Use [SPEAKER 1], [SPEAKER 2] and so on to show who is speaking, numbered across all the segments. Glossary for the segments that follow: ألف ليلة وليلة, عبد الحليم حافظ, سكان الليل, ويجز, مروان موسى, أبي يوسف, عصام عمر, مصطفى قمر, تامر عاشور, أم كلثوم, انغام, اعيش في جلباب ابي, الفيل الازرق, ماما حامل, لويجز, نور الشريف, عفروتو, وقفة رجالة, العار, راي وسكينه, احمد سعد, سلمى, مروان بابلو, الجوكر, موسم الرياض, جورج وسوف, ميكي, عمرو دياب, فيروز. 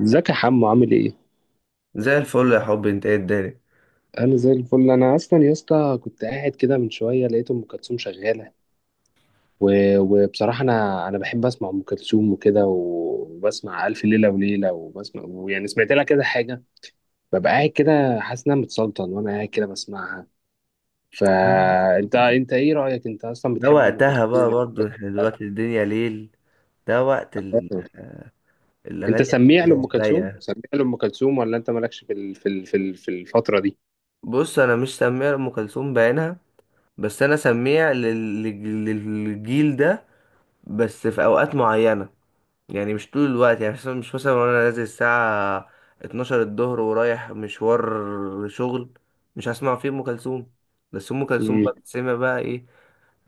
[SPEAKER 1] ازيك يا حمو، عامل ايه؟
[SPEAKER 2] زي الفل يا حبي، انت ايه الدنيا.
[SPEAKER 1] انا زي الفل. انا اصلا يا اسطى كنت قاعد كده من شويه لقيت ام كلثوم شغاله و... وبصراحه انا بحب اسمع ام كلثوم وكده، وبسمع الف ليله وليله، وبسمع، ويعني سمعت لها كذا حاجه. ببقى قاعد كده حاسس ان انا متسلطن وانا قاعد كده بسمعها. فانت، ايه رايك؟ انت اصلا
[SPEAKER 2] ده
[SPEAKER 1] بتحب ام كلثوم؟
[SPEAKER 2] وقتها بقى برضو، احنا
[SPEAKER 1] ولا-
[SPEAKER 2] دلوقتي الدنيا ليل. ده وقت
[SPEAKER 1] انت
[SPEAKER 2] الاغاني
[SPEAKER 1] سميع
[SPEAKER 2] الهادية
[SPEAKER 1] لام كلثوم،
[SPEAKER 2] الرايقة.
[SPEAKER 1] سميع لام كلثوم، ولا انت مالكش في الفتره
[SPEAKER 2] بص، انا مش سميع ام كلثوم بعينها، بس انا سميع للجيل ده، بس في اوقات معينة. يعني مش طول الوقت، يعني مثلا- مش مثلا وانا نازل الساعة 12 الظهر ورايح مشوار شغل، مش هسمع فيه ام كلثوم. بس ام كلثوم
[SPEAKER 1] دي؟
[SPEAKER 2] بقى بتسمع بقى ايه؟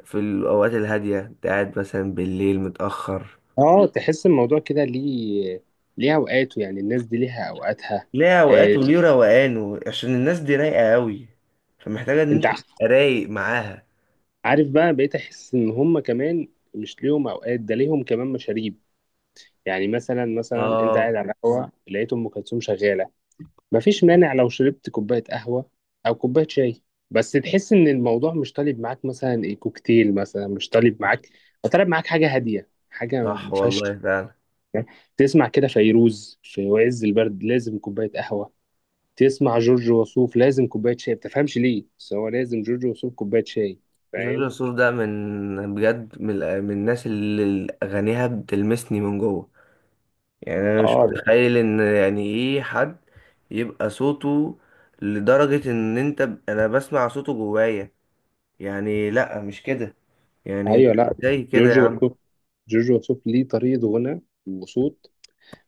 [SPEAKER 2] في الاوقات الهادية، انت قاعد مثلا بالليل متأخر.
[SPEAKER 1] اه، تحس الموضوع كده ليه؟ ليه اوقاته، يعني الناس دي ليها اوقاتها.
[SPEAKER 2] ليه اوقات
[SPEAKER 1] آه،
[SPEAKER 2] وليه روقان عشان الناس دي رايقه قوي، فمحتاجه ان انت
[SPEAKER 1] انت
[SPEAKER 2] تبقى رايق معاها.
[SPEAKER 1] عارف، بقى بقيت احس ان هم كمان مش ليهم اوقات، ده ليهم كمان مشاريب. يعني مثلا انت
[SPEAKER 2] اه.
[SPEAKER 1] قاعد على القهوه لقيت ام كلثوم شغاله، مفيش مانع لو شربت كوبايه قهوه او كوبايه شاي. بس تحس ان الموضوع مش طالب معاك، مثلا ايه كوكتيل مثلا مش طالب
[SPEAKER 2] صح،
[SPEAKER 1] معاك، طالب معاك حاجه هاديه، حاجه ما
[SPEAKER 2] صح
[SPEAKER 1] ما فيهاش.
[SPEAKER 2] والله فعلا.
[SPEAKER 1] تسمع كده فيروز في عز البرد، لازم كوبايه قهوه. تسمع جورج وسوف، لازم كوبايه شاي. ما بتفهمش ليه، بس هو لازم جورج وسوف كوبايه شاي،
[SPEAKER 2] جورج
[SPEAKER 1] فاهم.
[SPEAKER 2] وسوف ده من بجد من الناس اللي اغانيها بتلمسني من جوه. يعني انا مش
[SPEAKER 1] اه، لا.
[SPEAKER 2] متخيل ان يعني ايه حد يبقى صوته، لدرجه ان انا بسمع صوته جوايا. يعني لا مش كده، يعني انت
[SPEAKER 1] ايوه، لا.
[SPEAKER 2] ازاي كده يا
[SPEAKER 1] جورج
[SPEAKER 2] عم.
[SPEAKER 1] وسوف جورج وسوف ليه طريقه غنى وصوت.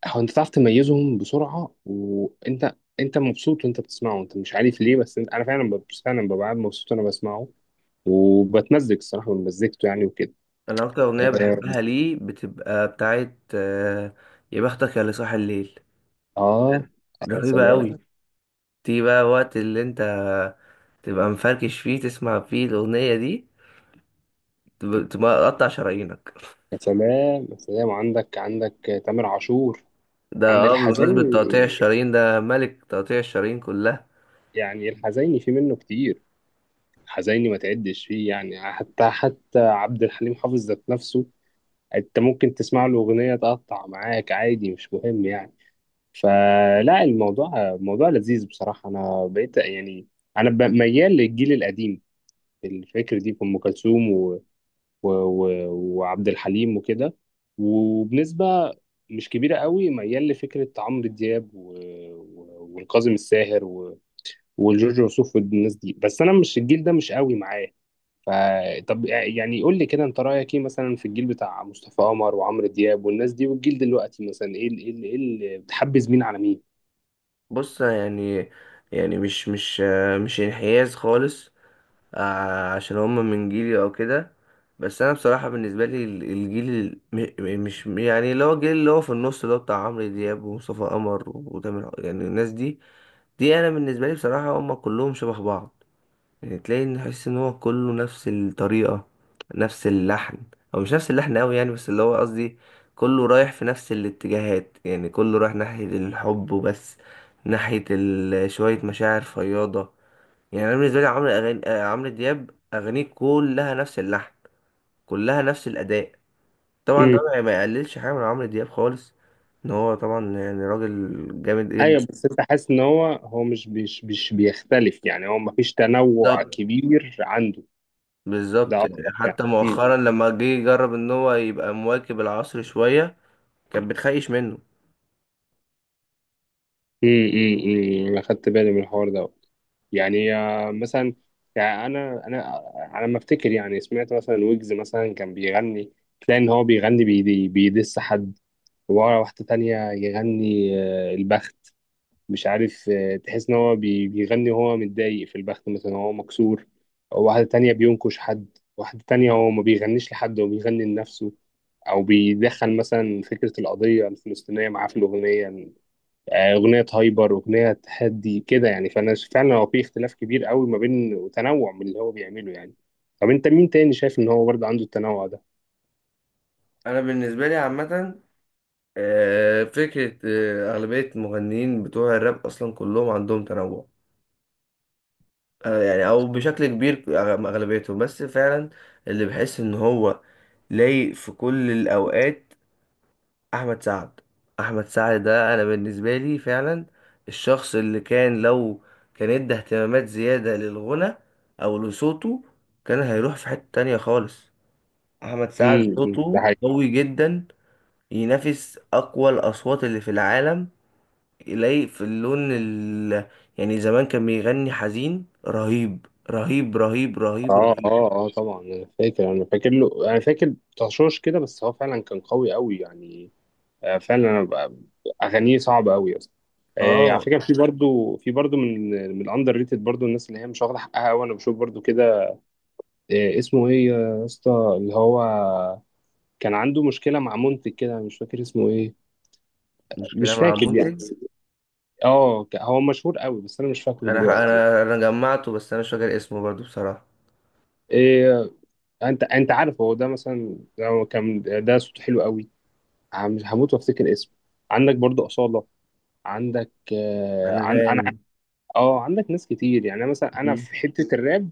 [SPEAKER 1] هو، انت تعرف تميزهم بسرعه، وانت مبسوط وانت بتسمعه، انت مش عارف ليه، بس انا فعلا، فعلا ببقى قاعد مبسوط وانا بسمعه، وبتمزج الصراحه من مزيكته يعني وكده.
[SPEAKER 2] انا اكتر اغنيه
[SPEAKER 1] اه،
[SPEAKER 2] بحبها ليه بتبقى بتاعت يا بختك يا اللي صاحي الليل.
[SPEAKER 1] آه، يا
[SPEAKER 2] رهيبه
[SPEAKER 1] سلام،
[SPEAKER 2] قوي. تيجي بقى وقت اللي انت تبقى مفركش فيه، تسمع فيه الاغنيه دي، تبقى قطع شرايينك.
[SPEAKER 1] يا سلام، يا سلام. عندك تامر عاشور،
[SPEAKER 2] ده
[SPEAKER 1] عند
[SPEAKER 2] اه بمناسبه تقطيع
[SPEAKER 1] الحزيني.
[SPEAKER 2] الشرايين، ده ملك تقطيع الشرايين كلها.
[SPEAKER 1] يعني الحزيني في منه كتير، حزيني ما تعدش فيه. يعني حتى عبد الحليم حافظ ذات نفسه، انت ممكن تسمع له اغنيه تقطع معاك عادي، مش مهم يعني. فلا، الموضوع موضوع لذيذ بصراحه، انا بقيت يعني، انا ميال للجيل القديم، الفكر دي في ام كلثوم و... و... وعبد الحليم وكده. وبنسبه مش كبيره قوي ميال لفكره عمرو دياب والكاظم الساهر وجورج وسوف والناس دي، بس انا مش الجيل ده مش قوي معاه، ف طب يعني قول لي كده، انت رايك ايه مثلا في الجيل بتاع مصطفى قمر وعمرو دياب والناس دي، والجيل دلوقتي مثلا ايه إيه اللي بتحبذ؟ مين على مين؟
[SPEAKER 2] بص يعني، يعني مش انحياز خالص عشان هم من جيلي او كده. بس انا بصراحه بالنسبه لي ال- الجيل ال- م- م- مش يعني، اللي هو الجيل اللي هو في النص، اللي هو بتاع عمرو دياب ومصطفى قمر يعني الناس دي، دي انا بالنسبه لي بصراحه هم كلهم شبه بعض. يعني تلاقي، ان تحس ان هو كله نفس الطريقه، نفس اللحن، او مش نفس اللحن قوي يعني، بس اللي هو قصدي كله رايح في نفس الاتجاهات، يعني كله رايح ناحيه الحب وبس، ناحيه شويه مشاعر فياضه. يعني انا بالنسبه لي عمرو أغاني... آه، عمرو دياب اغانيه كلها نفس اللحن، كلها نفس الاداء. طبعا ده
[SPEAKER 1] امم.
[SPEAKER 2] ما يقللش حاجه من عمرو دياب خالص، ان هو طبعا يعني راجل جامد جدا.
[SPEAKER 1] ايوه، بس انت حاسس ان هو مش بيختلف يعني، هو مفيش تنوع
[SPEAKER 2] بالظبط،
[SPEAKER 1] كبير عنده، ده
[SPEAKER 2] بالظبط.
[SPEAKER 1] قصدك
[SPEAKER 2] حتى
[SPEAKER 1] يعني.
[SPEAKER 2] مؤخرا لما جه يجرب ان هو يبقى مواكب العصر شويه، كان بتخيش منه.
[SPEAKER 1] امم، انا خدت بالي من الحوار ده. يعني مثلا، يعني انا على ما افتكر، يعني سمعت مثلا ويجز مثلا كان بيغني، تلاقي ان هو بيغني بيدي بيدس حد، وورا واحده تانية يغني البخت، مش عارف، تحس ان هو بيغني وهو متضايق في البخت، مثلا هو مكسور. واحده تانية بينكش حد، واحده تانية هو ما بيغنيش لحد، هو بيغني لنفسه، او بيدخل مثلا فكره القضيه الفلسطينيه معاه في الاغنيه. اغنيه هايبر، واغنيه تحدي كده، يعني فانا فعلا، هو في اختلاف كبير قوي ما بين وتنوع من اللي هو بيعمله يعني. طب انت مين تاني شايف ان هو برضه عنده التنوع ده؟
[SPEAKER 2] انا بالنسبه لي عامه، فكره اغلبيه المغنيين بتوع الراب اصلا كلهم عندهم تنوع. يعني او بشكل كبير اغلبيتهم. بس فعلا اللي بحس ان هو لايق في كل الاوقات، احمد سعد. احمد سعد ده انا بالنسبه لي فعلا الشخص اللي كان لو كان ادى اهتمامات زياده للغنى او لصوته، كان هيروح في حته تانية خالص. احمد سعد
[SPEAKER 1] امم. ده
[SPEAKER 2] صوته
[SPEAKER 1] حقيقي.
[SPEAKER 2] قوي جدا، ينافس اقوى الاصوات اللي في العالم. يلاقي في اللون يعني زمان كان بيغني حزين، رهيب رهيب رهيب رهيب
[SPEAKER 1] اه،
[SPEAKER 2] رهيب.
[SPEAKER 1] اه، اه، طبعا. انا فاكر له، انا فاكر تشوش كده، بس هو فعلا كان قوي قوي يعني. فعلا، اغانيه صعبه قوي اصلا. على
[SPEAKER 2] اه،
[SPEAKER 1] فكره، في برضه، من من الاندر ريتد، برضه الناس اللي هي مش واخده حقها قوي، انا بشوف برضه كده. اسمه ايه يا اسطى، اللي هو كان عنده مشكلة مع منتج كده، مش فاكر اسمه ايه،
[SPEAKER 2] مش
[SPEAKER 1] مش
[SPEAKER 2] كلام عن
[SPEAKER 1] فاكر يعني.
[SPEAKER 2] منتج.
[SPEAKER 1] اه، هو مشهور قوي، بس انا مش فاكره
[SPEAKER 2] انا ح-
[SPEAKER 1] دلوقتي.
[SPEAKER 2] انا انا جمعته، بس انا مش فاكر اسمه برضو بصراحة.
[SPEAKER 1] إيه، انت عارف هو ده مثلا، هو كان ده صوته حلو قوي. هموت وافتكر اسمه. عندك برضو أصالة، عندك عن انا.
[SPEAKER 2] انغام.
[SPEAKER 1] اه، عندك ناس كتير يعني. أنا مثلا
[SPEAKER 2] مم.
[SPEAKER 1] في حتة الراب،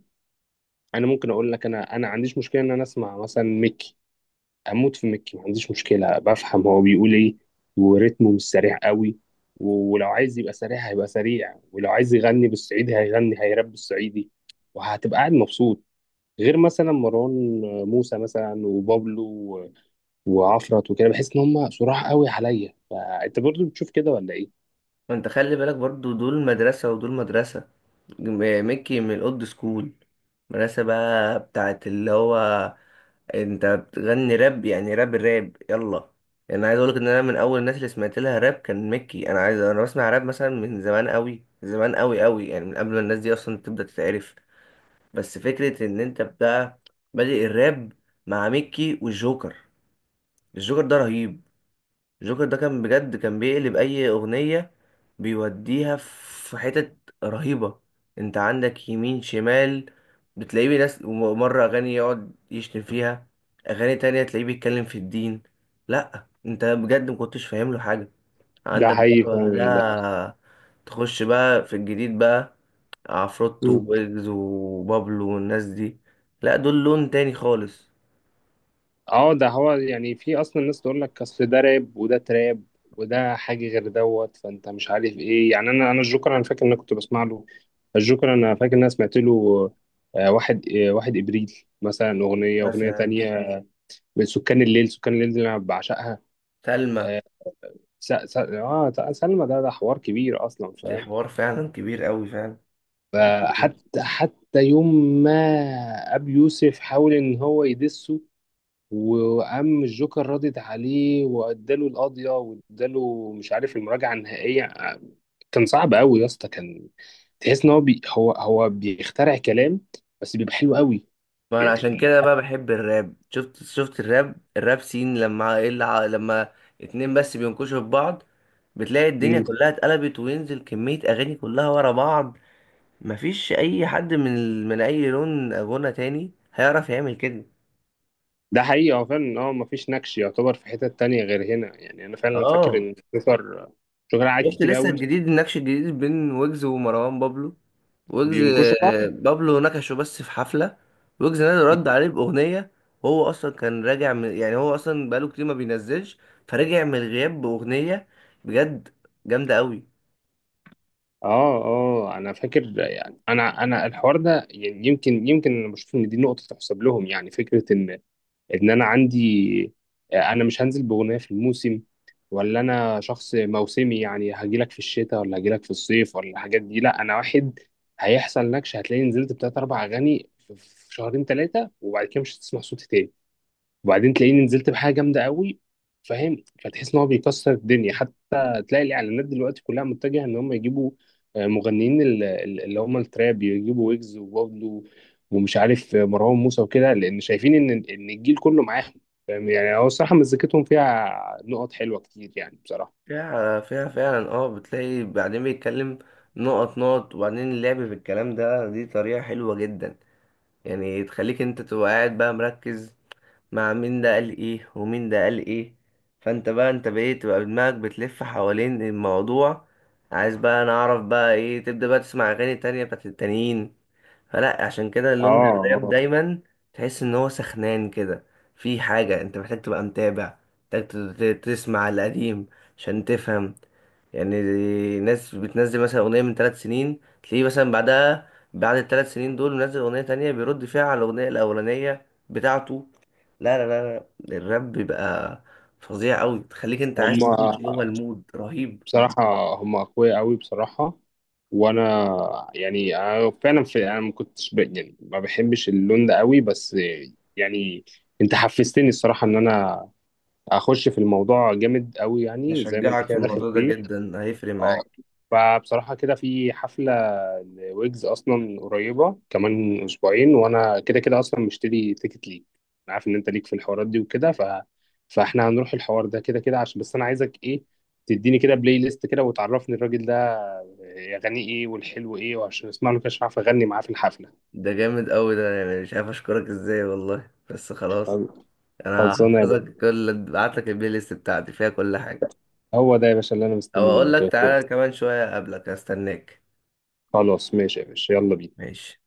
[SPEAKER 1] انا ممكن اقول لك، انا عنديش مشكلة ان انا اسمع مثلا ميكي. اموت في مكي، ما عنديش مشكله، بفهم هو بيقول ايه وريتمه مش سريع قوي، ولو عايز يبقى سريع هيبقى سريع، ولو عايز يغني بالصعيدي هيغني، هيراب بالصعيدي، وهتبقى قاعد مبسوط. غير مثلا مروان موسى مثلا، وبابلو وعفرت وكده، بحس ان هم صراحة قوي عليا. فانت برضو بتشوف كده ولا ايه؟
[SPEAKER 2] انت خلي بالك برضو، دول مدرسة ودول مدرسة. ميكي من الاولد سكول، مدرسة بقى بتاعت اللي هو، انت بتغني راب يعني راب، الراب يلا. انا عايز اقولك ان انا من اول الناس اللي سمعت لها راب كان ميكي. انا عايز، انا بسمع راب مثلا من زمان قوي، زمان قوي قوي، يعني من قبل ما الناس دي اصلا تبدا تتعرف. بس فكره ان انت بقى بادئ الراب مع ميكي والجوكر. الجوكر ده رهيب. جوكر ده كان بجد كان بيقلب اي اغنية، بيوديها في حتت رهيبة. انت عندك يمين شمال، بتلاقيه ناس مرة اغاني يقعد يشتم فيها، اغاني تانية تلاقيه بيتكلم في الدين. لا انت بجد مكنتش فاهم له حاجة.
[SPEAKER 1] ده
[SPEAKER 2] عندك بقى
[SPEAKER 1] حقيقي فعلا.
[SPEAKER 2] بعدها، تخش بقى في الجديد بقى، عفروتو
[SPEAKER 1] ده
[SPEAKER 2] ويجز وبابلو والناس دي، لا دول لون تاني خالص.
[SPEAKER 1] اه ده هو يعني، في اصلا ناس تقول لك اصل ده راب وده تراب وده حاجه غير دوت، فانت مش عارف ايه يعني. انا، الجوكر، انا فاكر ان انا كنت بسمع له. الجوكر، انا فاكر ان انا سمعت له واحد، واحد ابريل مثلا، اغنيه
[SPEAKER 2] مثلا
[SPEAKER 1] تانية، من سكان الليل. سكان الليل دي انا بعشقها.
[SPEAKER 2] سلمى.
[SPEAKER 1] اه، سلمى ده حوار كبير اصلا،
[SPEAKER 2] دي
[SPEAKER 1] فاهم.
[SPEAKER 2] حوار فعلا كبير قوي فعلا، رهيب.
[SPEAKER 1] حتى يوم ما ابي يوسف حاول ان هو يدسه، وقام الجوكر راضي عليه واداله القضيه واداله، مش عارف، المراجعه النهائيه. كان صعب قوي يا اسطى، كان تحس ان هو بي هو هو بيخترع كلام، بس بيبقى حلو قوي.
[SPEAKER 2] ما انا عشان كده بقى بحب الراب. شفت الراب سين، لما ايه اللي لما اتنين بس بينكشوا في بعض، بتلاقي الدنيا
[SPEAKER 1] مم.
[SPEAKER 2] كلها اتقلبت، وينزل كمية اغاني كلها ورا بعض. مفيش اي حد من اي لون غنى تاني هيعرف يعمل كده.
[SPEAKER 1] ده حقيقي، هو فعلا، مفيش نكش يعتبر في حتة تانية غير هنا يعني. انا فعلا فاكر
[SPEAKER 2] اه،
[SPEAKER 1] ان الجوكر، قعد
[SPEAKER 2] شفت
[SPEAKER 1] كتير
[SPEAKER 2] لسه
[SPEAKER 1] قوي.
[SPEAKER 2] الجديد، النكش الجديد بين ويجز ومروان بابلو. ويجز،
[SPEAKER 1] بينكشوا بعض.
[SPEAKER 2] بابلو نكشه بس في حفلة، ويجز نادي رد عليه بأغنية. وهو أصلا كان راجع من، يعني هو أصلا بقاله كتير ما بينزلش، فرجع من الغياب بأغنية، بجد جامدة أوي.
[SPEAKER 1] اه، اه، انا فاكر يعني، انا الحوار ده، يعني يمكن انا بشوف ان دي نقطة تحسب لهم. يعني فكرة ان، انا عندي انا مش هنزل باغنيه في الموسم، ولا انا شخص موسمي، يعني هجيلك في الشتاء، ولا هجيلك في الصيف، ولا الحاجات دي. لا، انا واحد هيحصل نكش هتلاقي نزلت بتلات اربع اغاني في شهرين ثلاثه، وبعد كده مش هتسمع صوتي تاني، وبعدين تلاقيني نزلت بحاجه جامده قوي، فاهم. فتحس ان هو بيكسر الدنيا، حتى تلاقي الاعلانات دلوقتي كلها متجهه ان هم يجيبوا مغنيين اللي هم التراب، يجيبوا ويجز وبابلو، ومش عارف، مروان موسى وكده، لان شايفين ان الجيل كله معاهم، فاهم. يعني هو الصراحه مزيكتهم فيها نقط حلوه كتير يعني، بصراحه.
[SPEAKER 2] فيها فعلا. اه، بتلاقي بعدين بيتكلم نقط نقط، وبعدين اللعب في الكلام ده، دي طريقة حلوة جدا. يعني تخليك انت تبقى قاعد بقى مركز، مع مين ده قال ايه ومين ده قال ايه، فانت بقى انت بقيت تبقى دماغك بتلف حوالين الموضوع. عايز بقى انا اعرف بقى ايه، تبدأ بقى تسمع اغاني تانية بتاعت التانيين. فلا، عشان كده
[SPEAKER 1] اه،
[SPEAKER 2] لون الراب
[SPEAKER 1] آه.
[SPEAKER 2] دايما تحس ان هو سخنان كده. في حاجة انت محتاج تبقى متابع، محتاج تسمع القديم عشان تفهم. يعني ناس بتنزل مثلا أغنية من 3 سنين، تلاقيه مثلا بعدها بعد ال3 سنين دول منزل أغنية تانية بيرد فيها على الأغنية الأولانية بتاعته. لا لا لا لا، الراب بيبقى فظيع أوي، تخليك أنت عايز تخش
[SPEAKER 1] هم
[SPEAKER 2] جوه المود، رهيب.
[SPEAKER 1] بصراحة، هم أقوياء أوي بصراحة. وأنا، يعني أنا فعلا، في، أنا ما كنتش يعني ما بحبش اللون ده أوي، بس يعني أنت حفزتني الصراحة إن أنا أخش في الموضوع جامد أوي، يعني زي ما أنت
[SPEAKER 2] أشجعك في
[SPEAKER 1] كده داخل
[SPEAKER 2] الموضوع ده
[SPEAKER 1] فيه.
[SPEAKER 2] جدا، هيفرق
[SPEAKER 1] اه،
[SPEAKER 2] معاك.
[SPEAKER 1] فبصراحة كده، في حفلة لويجز أصلا قريبة كمان أسبوعين، وأنا كده كده أصلا مشتري تيكت ليك. أنا عارف إن أنت ليك في الحوارات دي وكده، فإحنا هنروح الحوار ده كده كده عشان، بس أنا عايزك إيه، تديني كده بلاي ليست كده وتعرفني الراجل ده، أغانيه إيه، والحلو إيه، وعشان أسمع له كده عشان أعرف أغني معاه في الحفلة.
[SPEAKER 2] ده جامد أوي ده، يعني مش عارف أشكرك إزاي والله. بس خلاص، أنا
[SPEAKER 1] خلصانة يا باشا.
[SPEAKER 2] هحفظك. كل بعتلك البلاي ليست بتاعتي فيها كل حاجة.
[SPEAKER 1] هو ده يا باشا اللي أنا
[SPEAKER 2] أو
[SPEAKER 1] مستني
[SPEAKER 2] أقول
[SPEAKER 1] منك
[SPEAKER 2] لك
[SPEAKER 1] يا باشا.
[SPEAKER 2] تعالى كمان شوية قبلك أستناك.
[SPEAKER 1] خلاص ماشي يا باشا، يلا بينا.
[SPEAKER 2] ماشي.